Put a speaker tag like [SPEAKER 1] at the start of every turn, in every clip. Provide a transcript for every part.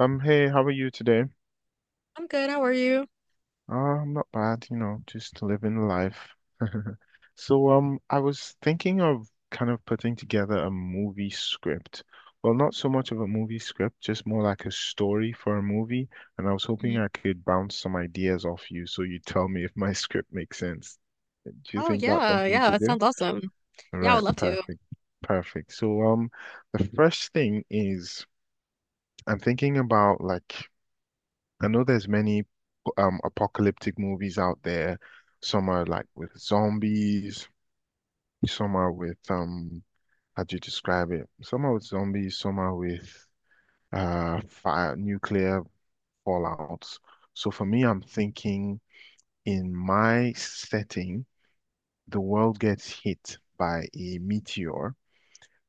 [SPEAKER 1] Hey, how are you today?
[SPEAKER 2] I'm good. How are you?
[SPEAKER 1] I'm not bad, just living life. So, I was thinking of kind of putting together a movie script. Well, not so much of a movie script, just more like a story for a movie. And I was hoping
[SPEAKER 2] Hmm.
[SPEAKER 1] I could bounce some ideas off you so you tell me if my script makes sense. Do you
[SPEAKER 2] Oh
[SPEAKER 1] think that's
[SPEAKER 2] yeah,
[SPEAKER 1] something you
[SPEAKER 2] yeah.
[SPEAKER 1] could
[SPEAKER 2] That
[SPEAKER 1] do?
[SPEAKER 2] sounds awesome. Yeah, I
[SPEAKER 1] Right,
[SPEAKER 2] would love to.
[SPEAKER 1] perfect. Perfect. So, the first thing is I'm thinking about, like, I know there's many apocalyptic movies out there. Some are like with zombies, some are with how do you describe it? Some are with zombies, some are with fire nuclear fallouts. So for me, I'm thinking in my setting, the world gets hit by a meteor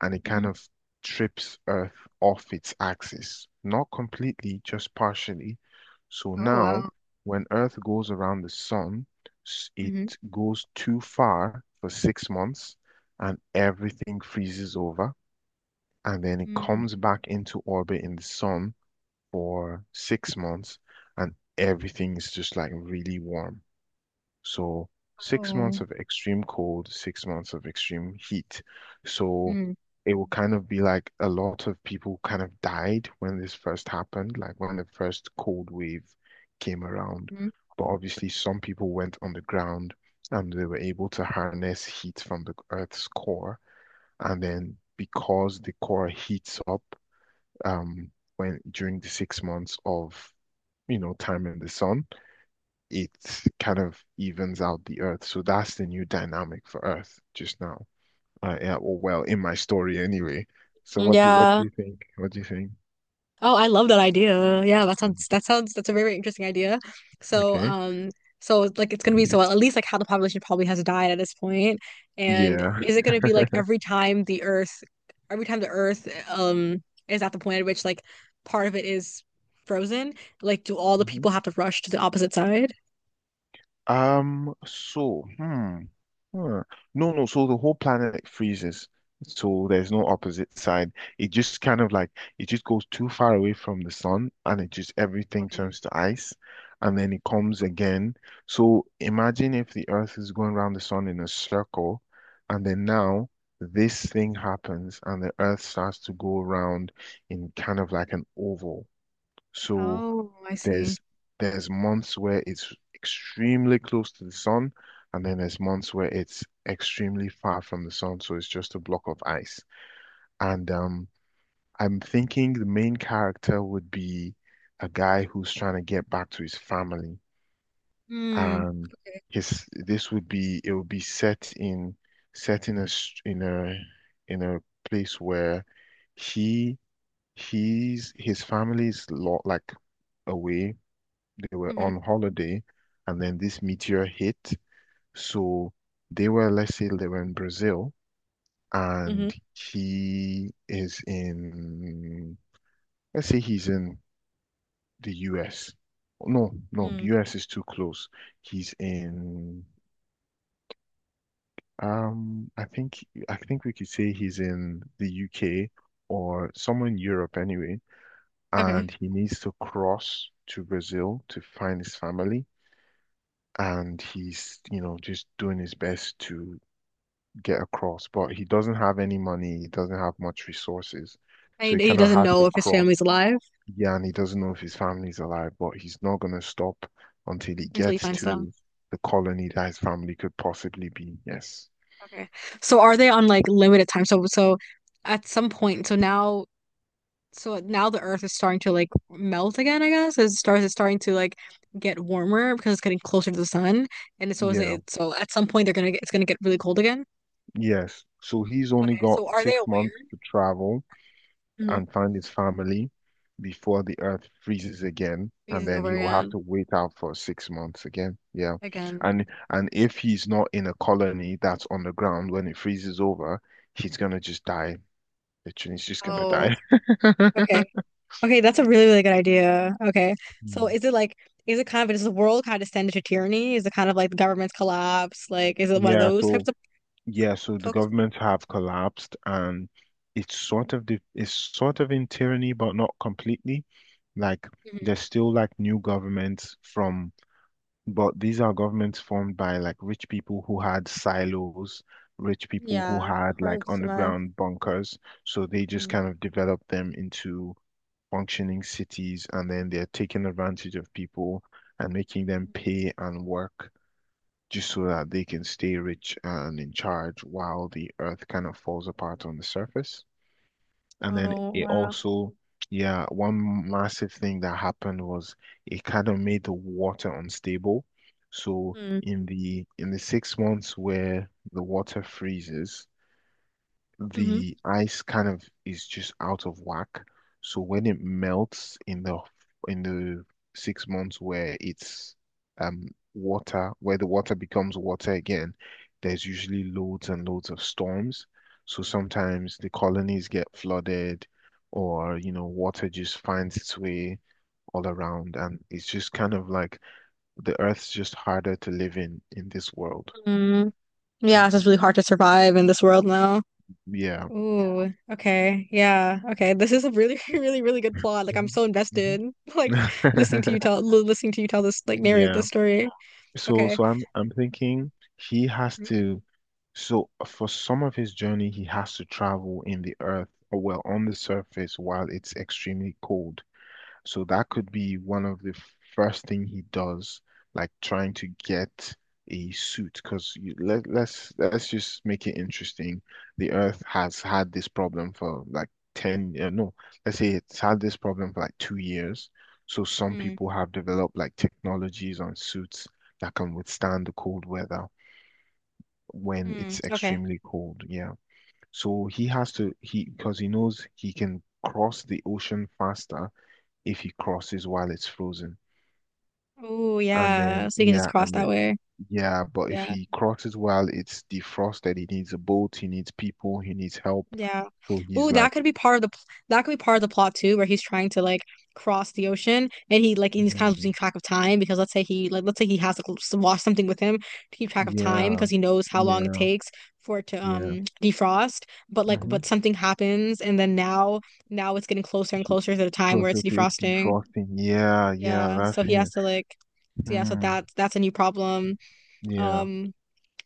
[SPEAKER 1] and it kind
[SPEAKER 2] Hmm.
[SPEAKER 1] of trips Earth off its axis. Not completely, just partially. So
[SPEAKER 2] Oh
[SPEAKER 1] now,
[SPEAKER 2] wow.
[SPEAKER 1] when Earth goes around the sun, it
[SPEAKER 2] Hmm.
[SPEAKER 1] goes too far for 6 months and everything freezes over. And then it
[SPEAKER 2] Mm.
[SPEAKER 1] comes back into orbit in the sun for 6 months and everything is just like really warm. So 6 months
[SPEAKER 2] Oh.
[SPEAKER 1] of extreme cold, 6 months of extreme heat. So
[SPEAKER 2] Mm.
[SPEAKER 1] it will kind of be like a lot of people kind of died when this first happened, like when the first cold wave came around.
[SPEAKER 2] Mm.
[SPEAKER 1] But obviously, some people went on the ground and they were able to harness heat from the Earth's core. And then because the core heats up um, when during the 6 months of time in the sun, it kind of evens out the earth. So that's the new dynamic for Earth just now. Yeah, or well, in my story anyway. So what do
[SPEAKER 2] Yeah.
[SPEAKER 1] you think? What do you think?
[SPEAKER 2] Oh, I love that idea. Yeah, that sounds that's a very, very interesting idea. So,
[SPEAKER 1] Okay.
[SPEAKER 2] um, so it's like it's gonna be, so at least like how the population probably has died at this point, and
[SPEAKER 1] Yeah.
[SPEAKER 2] is it gonna be like every time the Earth, is at the point at which like part of it is frozen? Like, do all the
[SPEAKER 1] Mhm.
[SPEAKER 2] people have to rush to the opposite side?
[SPEAKER 1] So, Huh. No, no. So the whole planet freezes. So there's no opposite side. It just kind of, like, it just goes too far away from the sun and it just everything
[SPEAKER 2] Okay.
[SPEAKER 1] turns to ice and then it comes again. So imagine if the earth is going around the sun in a circle and then now this thing happens and the earth starts to go around in kind of like an oval. So
[SPEAKER 2] Oh, I see.
[SPEAKER 1] there's there's months where it's extremely close to the sun, and then there's months where it's extremely far from the sun, so it's just a block of ice. And I'm thinking the main character would be a guy who's trying to get back to his family,
[SPEAKER 2] Hmm.
[SPEAKER 1] and his this would be it would be set in a in a place where he he's his family's lot, like, away, they were
[SPEAKER 2] Hmm.
[SPEAKER 1] on holiday and then this meteor hit. So they were, let's say they were in Brazil
[SPEAKER 2] Hmm.
[SPEAKER 1] and he is in, let's say he's in the US. No, no,
[SPEAKER 2] Mm.
[SPEAKER 1] US is too close. He's in, I think we could say he's in the UK or somewhere in Europe anyway,
[SPEAKER 2] Okay.
[SPEAKER 1] and he needs to cross to Brazil to find his family. And he's, just doing his best to get across, but he doesn't have any money, he doesn't have much resources, so
[SPEAKER 2] And
[SPEAKER 1] he
[SPEAKER 2] he
[SPEAKER 1] kind of
[SPEAKER 2] doesn't
[SPEAKER 1] has
[SPEAKER 2] know
[SPEAKER 1] to
[SPEAKER 2] if his
[SPEAKER 1] cross.
[SPEAKER 2] family's alive
[SPEAKER 1] Yeah, and he doesn't know if his family's alive, but he's not going to stop until he
[SPEAKER 2] until he
[SPEAKER 1] gets
[SPEAKER 2] finds them.
[SPEAKER 1] to the colony that his family could possibly be. Yes.
[SPEAKER 2] Okay. So are they on like limited time? So at some point, so now the Earth is starting to like melt again, I guess. As it starts. It's starting to like get warmer because it's getting closer to the sun, and so is
[SPEAKER 1] Yeah,
[SPEAKER 2] it. So at some point they're gonna get, it's gonna get really cold again.
[SPEAKER 1] yes. So he's only
[SPEAKER 2] Okay,
[SPEAKER 1] got
[SPEAKER 2] so are they
[SPEAKER 1] six
[SPEAKER 2] aware?
[SPEAKER 1] months to travel.
[SPEAKER 2] Mm-hmm.
[SPEAKER 1] And find his family before the earth freezes again, and
[SPEAKER 2] It's
[SPEAKER 1] then
[SPEAKER 2] over
[SPEAKER 1] he will have
[SPEAKER 2] again,
[SPEAKER 1] to wait out for 6 months again. Yeah.
[SPEAKER 2] again.
[SPEAKER 1] And if he's not in a colony that's on the ground when it freezes over, he's gonna just die. Literally, he's just gonna
[SPEAKER 2] Oh,
[SPEAKER 1] die.
[SPEAKER 2] okay, okay. That's a really, really good idea. Okay, so
[SPEAKER 1] Mm.
[SPEAKER 2] is it like, is it kind of, does the world kind of descend into tyranny? Is it kind of like the government's collapse? Like is it one of
[SPEAKER 1] Yeah,
[SPEAKER 2] those
[SPEAKER 1] so,
[SPEAKER 2] types of
[SPEAKER 1] yeah, so the
[SPEAKER 2] folks?
[SPEAKER 1] governments have collapsed and it's sort of in tyranny, but not completely. Like
[SPEAKER 2] Hmm.
[SPEAKER 1] there's still, like, new governments from But these are governments formed by, like, rich people who had silos, rich people who
[SPEAKER 2] Yeah,
[SPEAKER 1] had,
[SPEAKER 2] we're able
[SPEAKER 1] like,
[SPEAKER 2] to survive.
[SPEAKER 1] underground bunkers. So they just
[SPEAKER 2] Mm.
[SPEAKER 1] kind of develop them into functioning cities and then they're taking advantage of people and making them pay and work just so that they can stay rich and in charge while the earth kind of falls apart on the surface. And then
[SPEAKER 2] Oh
[SPEAKER 1] it
[SPEAKER 2] wow.
[SPEAKER 1] also, yeah, one massive thing that happened was it kind of made the water unstable. So in the 6 months where the water freezes,
[SPEAKER 2] Mm-hmm.
[SPEAKER 1] the ice kind of is just out of whack. So when it melts in the 6 months where it's um water, where the water becomes water again, there's usually loads and loads of storms. So sometimes the colonies get flooded or water just finds its way all around and it's just kind of like the earth's just harder to live in this world.
[SPEAKER 2] Mm, yeah, it's
[SPEAKER 1] Mhm.
[SPEAKER 2] just really hard to survive in this world now.
[SPEAKER 1] Yeah.
[SPEAKER 2] Ooh, okay. Yeah. Okay. This is a really, really, really good plot. Like I'm
[SPEAKER 1] Mhm.
[SPEAKER 2] so
[SPEAKER 1] Mhm.
[SPEAKER 2] invested. Like listening to you tell this, like narrate
[SPEAKER 1] Yeah.
[SPEAKER 2] this story.
[SPEAKER 1] So,
[SPEAKER 2] Okay.
[SPEAKER 1] I'm thinking he has to. So for some of his journey, he has to travel in the earth, or well, on the surface while it's extremely cold. So that could be one of the first thing he does, like trying to get a suit. Because let's just make it interesting. The Earth has had this problem for like 10, no, let's say it's had this problem for like 2 years. So some
[SPEAKER 2] Mm-hmm.
[SPEAKER 1] people have developed like technologies on suits that can withstand the cold weather when it's
[SPEAKER 2] Okay.
[SPEAKER 1] extremely cold. Yeah. So he has to he, because he knows he can cross the ocean faster if he crosses while it's frozen.
[SPEAKER 2] Oh,
[SPEAKER 1] And
[SPEAKER 2] yeah.
[SPEAKER 1] then,
[SPEAKER 2] So you can just
[SPEAKER 1] yeah,
[SPEAKER 2] cross that way.
[SPEAKER 1] but if
[SPEAKER 2] Yeah.
[SPEAKER 1] he crosses while it's defrosted, he needs a boat, he needs people, he needs help.
[SPEAKER 2] Yeah.
[SPEAKER 1] So
[SPEAKER 2] Ooh,
[SPEAKER 1] he's like,
[SPEAKER 2] that could be part of the plot too, where he's trying to like cross the ocean, and he like and he's kind of
[SPEAKER 1] "Hmm,
[SPEAKER 2] losing track of time, because let's say he like let's say he has like lost something with him to keep track of time,
[SPEAKER 1] yeah,
[SPEAKER 2] because he knows how long it
[SPEAKER 1] yeah,
[SPEAKER 2] takes for it to
[SPEAKER 1] yeah."
[SPEAKER 2] defrost, but
[SPEAKER 1] Mm-hmm.
[SPEAKER 2] something happens and then now it's getting closer and
[SPEAKER 1] He,
[SPEAKER 2] closer to the time where
[SPEAKER 1] Closer
[SPEAKER 2] it's
[SPEAKER 1] to it
[SPEAKER 2] defrosting.
[SPEAKER 1] defrosting. Yeah, yeah,
[SPEAKER 2] Yeah,
[SPEAKER 1] that's
[SPEAKER 2] so he has
[SPEAKER 1] him.
[SPEAKER 2] to like, so
[SPEAKER 1] Mm,
[SPEAKER 2] that's a new problem.
[SPEAKER 1] yeah.
[SPEAKER 2] Um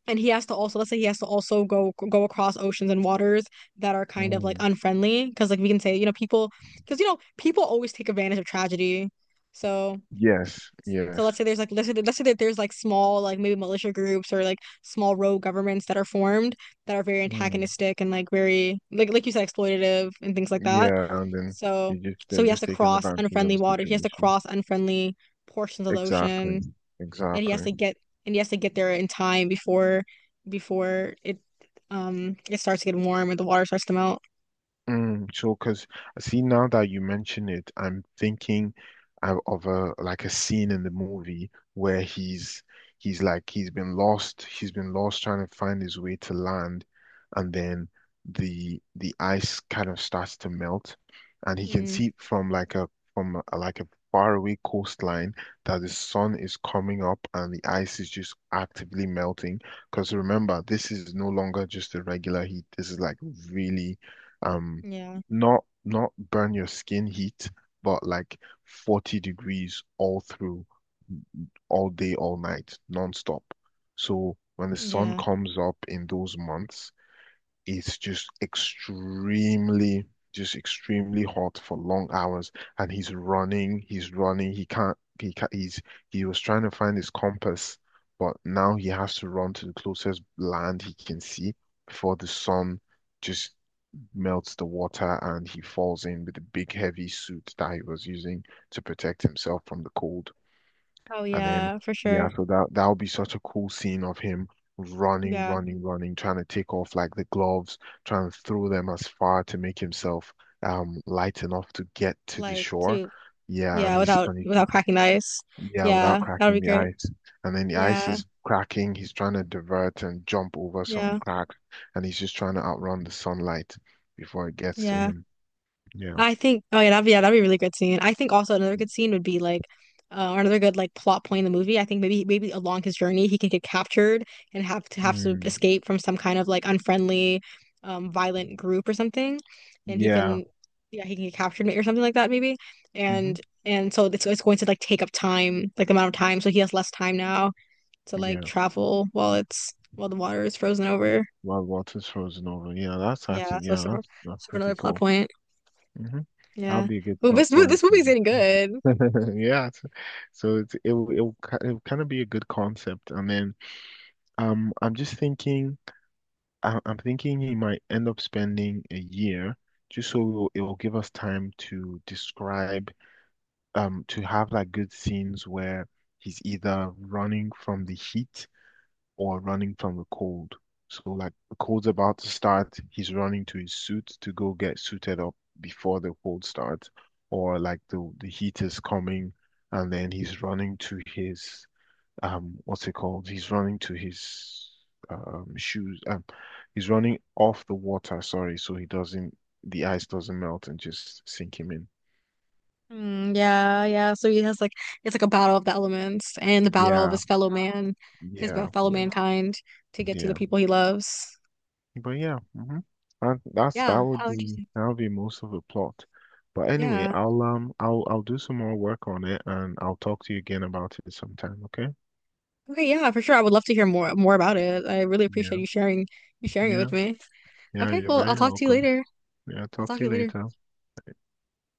[SPEAKER 2] and he has to also, let's say he has to also go across oceans and waters that are kind of like
[SPEAKER 1] Mm.
[SPEAKER 2] unfriendly, because we can say, you know, people because you know, people always take advantage of tragedy, so,
[SPEAKER 1] Yes,
[SPEAKER 2] so
[SPEAKER 1] yes.
[SPEAKER 2] let's say there's like, let's say that there's like small, like maybe militia groups or like small rogue governments that are formed, that are very
[SPEAKER 1] Mm.
[SPEAKER 2] antagonistic and like very like you said, exploitative and things like that.
[SPEAKER 1] Yeah, and then
[SPEAKER 2] So so
[SPEAKER 1] they're
[SPEAKER 2] he has
[SPEAKER 1] just
[SPEAKER 2] to
[SPEAKER 1] taking
[SPEAKER 2] cross
[SPEAKER 1] advantage of
[SPEAKER 2] unfriendly
[SPEAKER 1] the
[SPEAKER 2] water, he has to
[SPEAKER 1] situation.
[SPEAKER 2] cross unfriendly portions of the
[SPEAKER 1] Exactly,
[SPEAKER 2] ocean, and
[SPEAKER 1] exactly.
[SPEAKER 2] he has to get there in time before, before it it starts to get warm and the water starts to melt.
[SPEAKER 1] Mm, so, because I see now that you mention it, I'm thinking of a, like, a scene in the movie where he's like he's been lost trying to find his way to land, and then the ice kind of starts to melt, and he can
[SPEAKER 2] Mm,
[SPEAKER 1] see from like a from a, like a faraway coastline that the sun is coming up and the ice is just actively melting. Because remember, this is no longer just a regular heat. This is like really, um
[SPEAKER 2] yeah.
[SPEAKER 1] not burn your skin heat, but like 40 degrees all through, all day, all night, non-stop. So when the sun
[SPEAKER 2] Yeah.
[SPEAKER 1] comes up in those months, it's just extremely, hot for long hours. And he's running, he's running, he can't, he was trying to find his compass, but now he has to run to the closest land he can see before the sun just melts the water and he falls in with a big heavy suit that he was using to protect himself from the cold.
[SPEAKER 2] Oh
[SPEAKER 1] And then,
[SPEAKER 2] yeah, for
[SPEAKER 1] yeah,
[SPEAKER 2] sure.
[SPEAKER 1] so that would be such a cool scene of him running,
[SPEAKER 2] Yeah.
[SPEAKER 1] running, running, trying to take off, like, the gloves, trying to throw them as far to make himself light enough to get to the
[SPEAKER 2] Like
[SPEAKER 1] shore.
[SPEAKER 2] to,
[SPEAKER 1] Yeah,
[SPEAKER 2] yeah, without,
[SPEAKER 1] and he's
[SPEAKER 2] without cracking the ice.
[SPEAKER 1] yeah, without
[SPEAKER 2] Yeah, that would
[SPEAKER 1] cracking
[SPEAKER 2] be
[SPEAKER 1] the
[SPEAKER 2] great.
[SPEAKER 1] ice. And then the ice
[SPEAKER 2] Yeah.
[SPEAKER 1] is cracking, he's trying to divert and jump over some
[SPEAKER 2] Yeah.
[SPEAKER 1] crack, and he's just trying to outrun the sunlight before it gets to
[SPEAKER 2] Yeah.
[SPEAKER 1] him. Yeah.
[SPEAKER 2] I think, oh yeah, that'd be a really good scene. I think also another good scene would be like, or another good like plot point in the movie. I think maybe along his journey he can get captured and have to
[SPEAKER 1] Mm.
[SPEAKER 2] escape from some kind of like unfriendly, violent group or something, and he
[SPEAKER 1] Yeah.
[SPEAKER 2] can, yeah, he can get captured or something like that maybe,
[SPEAKER 1] hmm
[SPEAKER 2] and so it's going to like take up time, like the amount of time, so he has less time now to like
[SPEAKER 1] Yeah.
[SPEAKER 2] travel while it's, while the water is frozen over.
[SPEAKER 1] While water's frozen over. Yeah, that's
[SPEAKER 2] Yeah,
[SPEAKER 1] actually,
[SPEAKER 2] so
[SPEAKER 1] yeah,
[SPEAKER 2] super,
[SPEAKER 1] that's
[SPEAKER 2] super
[SPEAKER 1] pretty
[SPEAKER 2] another plot
[SPEAKER 1] cool.
[SPEAKER 2] point.
[SPEAKER 1] hmm That'll
[SPEAKER 2] Yeah.
[SPEAKER 1] be a good
[SPEAKER 2] Well,
[SPEAKER 1] plot
[SPEAKER 2] this
[SPEAKER 1] point.
[SPEAKER 2] movie's getting good.
[SPEAKER 1] Yeah. So, it's, it'll kind of be a good concept. And then I'm just thinking, I'm thinking he might end up spending a year just so it'll give us time to describe, to have like good scenes where he's either running from the heat or running from the cold. So like the cold's about to start, he's running to his suit to go get suited up before the cold starts, or like the heat is coming and then he's running to his what's it called? He's running to his shoes, he's running off the water, sorry, so he doesn't the ice doesn't melt and just sink him in.
[SPEAKER 2] Mm, yeah, yeah. So he has like, it's like a battle of the elements and the battle of
[SPEAKER 1] Yeah.
[SPEAKER 2] his fellow man,
[SPEAKER 1] Yeah,
[SPEAKER 2] fellow
[SPEAKER 1] yeah,
[SPEAKER 2] mankind, to get to the
[SPEAKER 1] yeah.
[SPEAKER 2] people he loves.
[SPEAKER 1] But yeah, And that's
[SPEAKER 2] Yeah, how interesting.
[SPEAKER 1] that would be most of the plot. But anyway,
[SPEAKER 2] Yeah.
[SPEAKER 1] I'll do some more work on it and I'll talk to you again about it sometime, okay?
[SPEAKER 2] Okay, yeah, for sure. I would love to hear more about it. I really
[SPEAKER 1] Yeah,
[SPEAKER 2] appreciate you sharing it
[SPEAKER 1] yeah,
[SPEAKER 2] with me.
[SPEAKER 1] yeah,
[SPEAKER 2] Okay,
[SPEAKER 1] you're
[SPEAKER 2] cool. I'll
[SPEAKER 1] very
[SPEAKER 2] talk to you
[SPEAKER 1] welcome.
[SPEAKER 2] later.
[SPEAKER 1] Yeah,
[SPEAKER 2] I'll
[SPEAKER 1] talk
[SPEAKER 2] talk to
[SPEAKER 1] to you
[SPEAKER 2] you later.
[SPEAKER 1] later.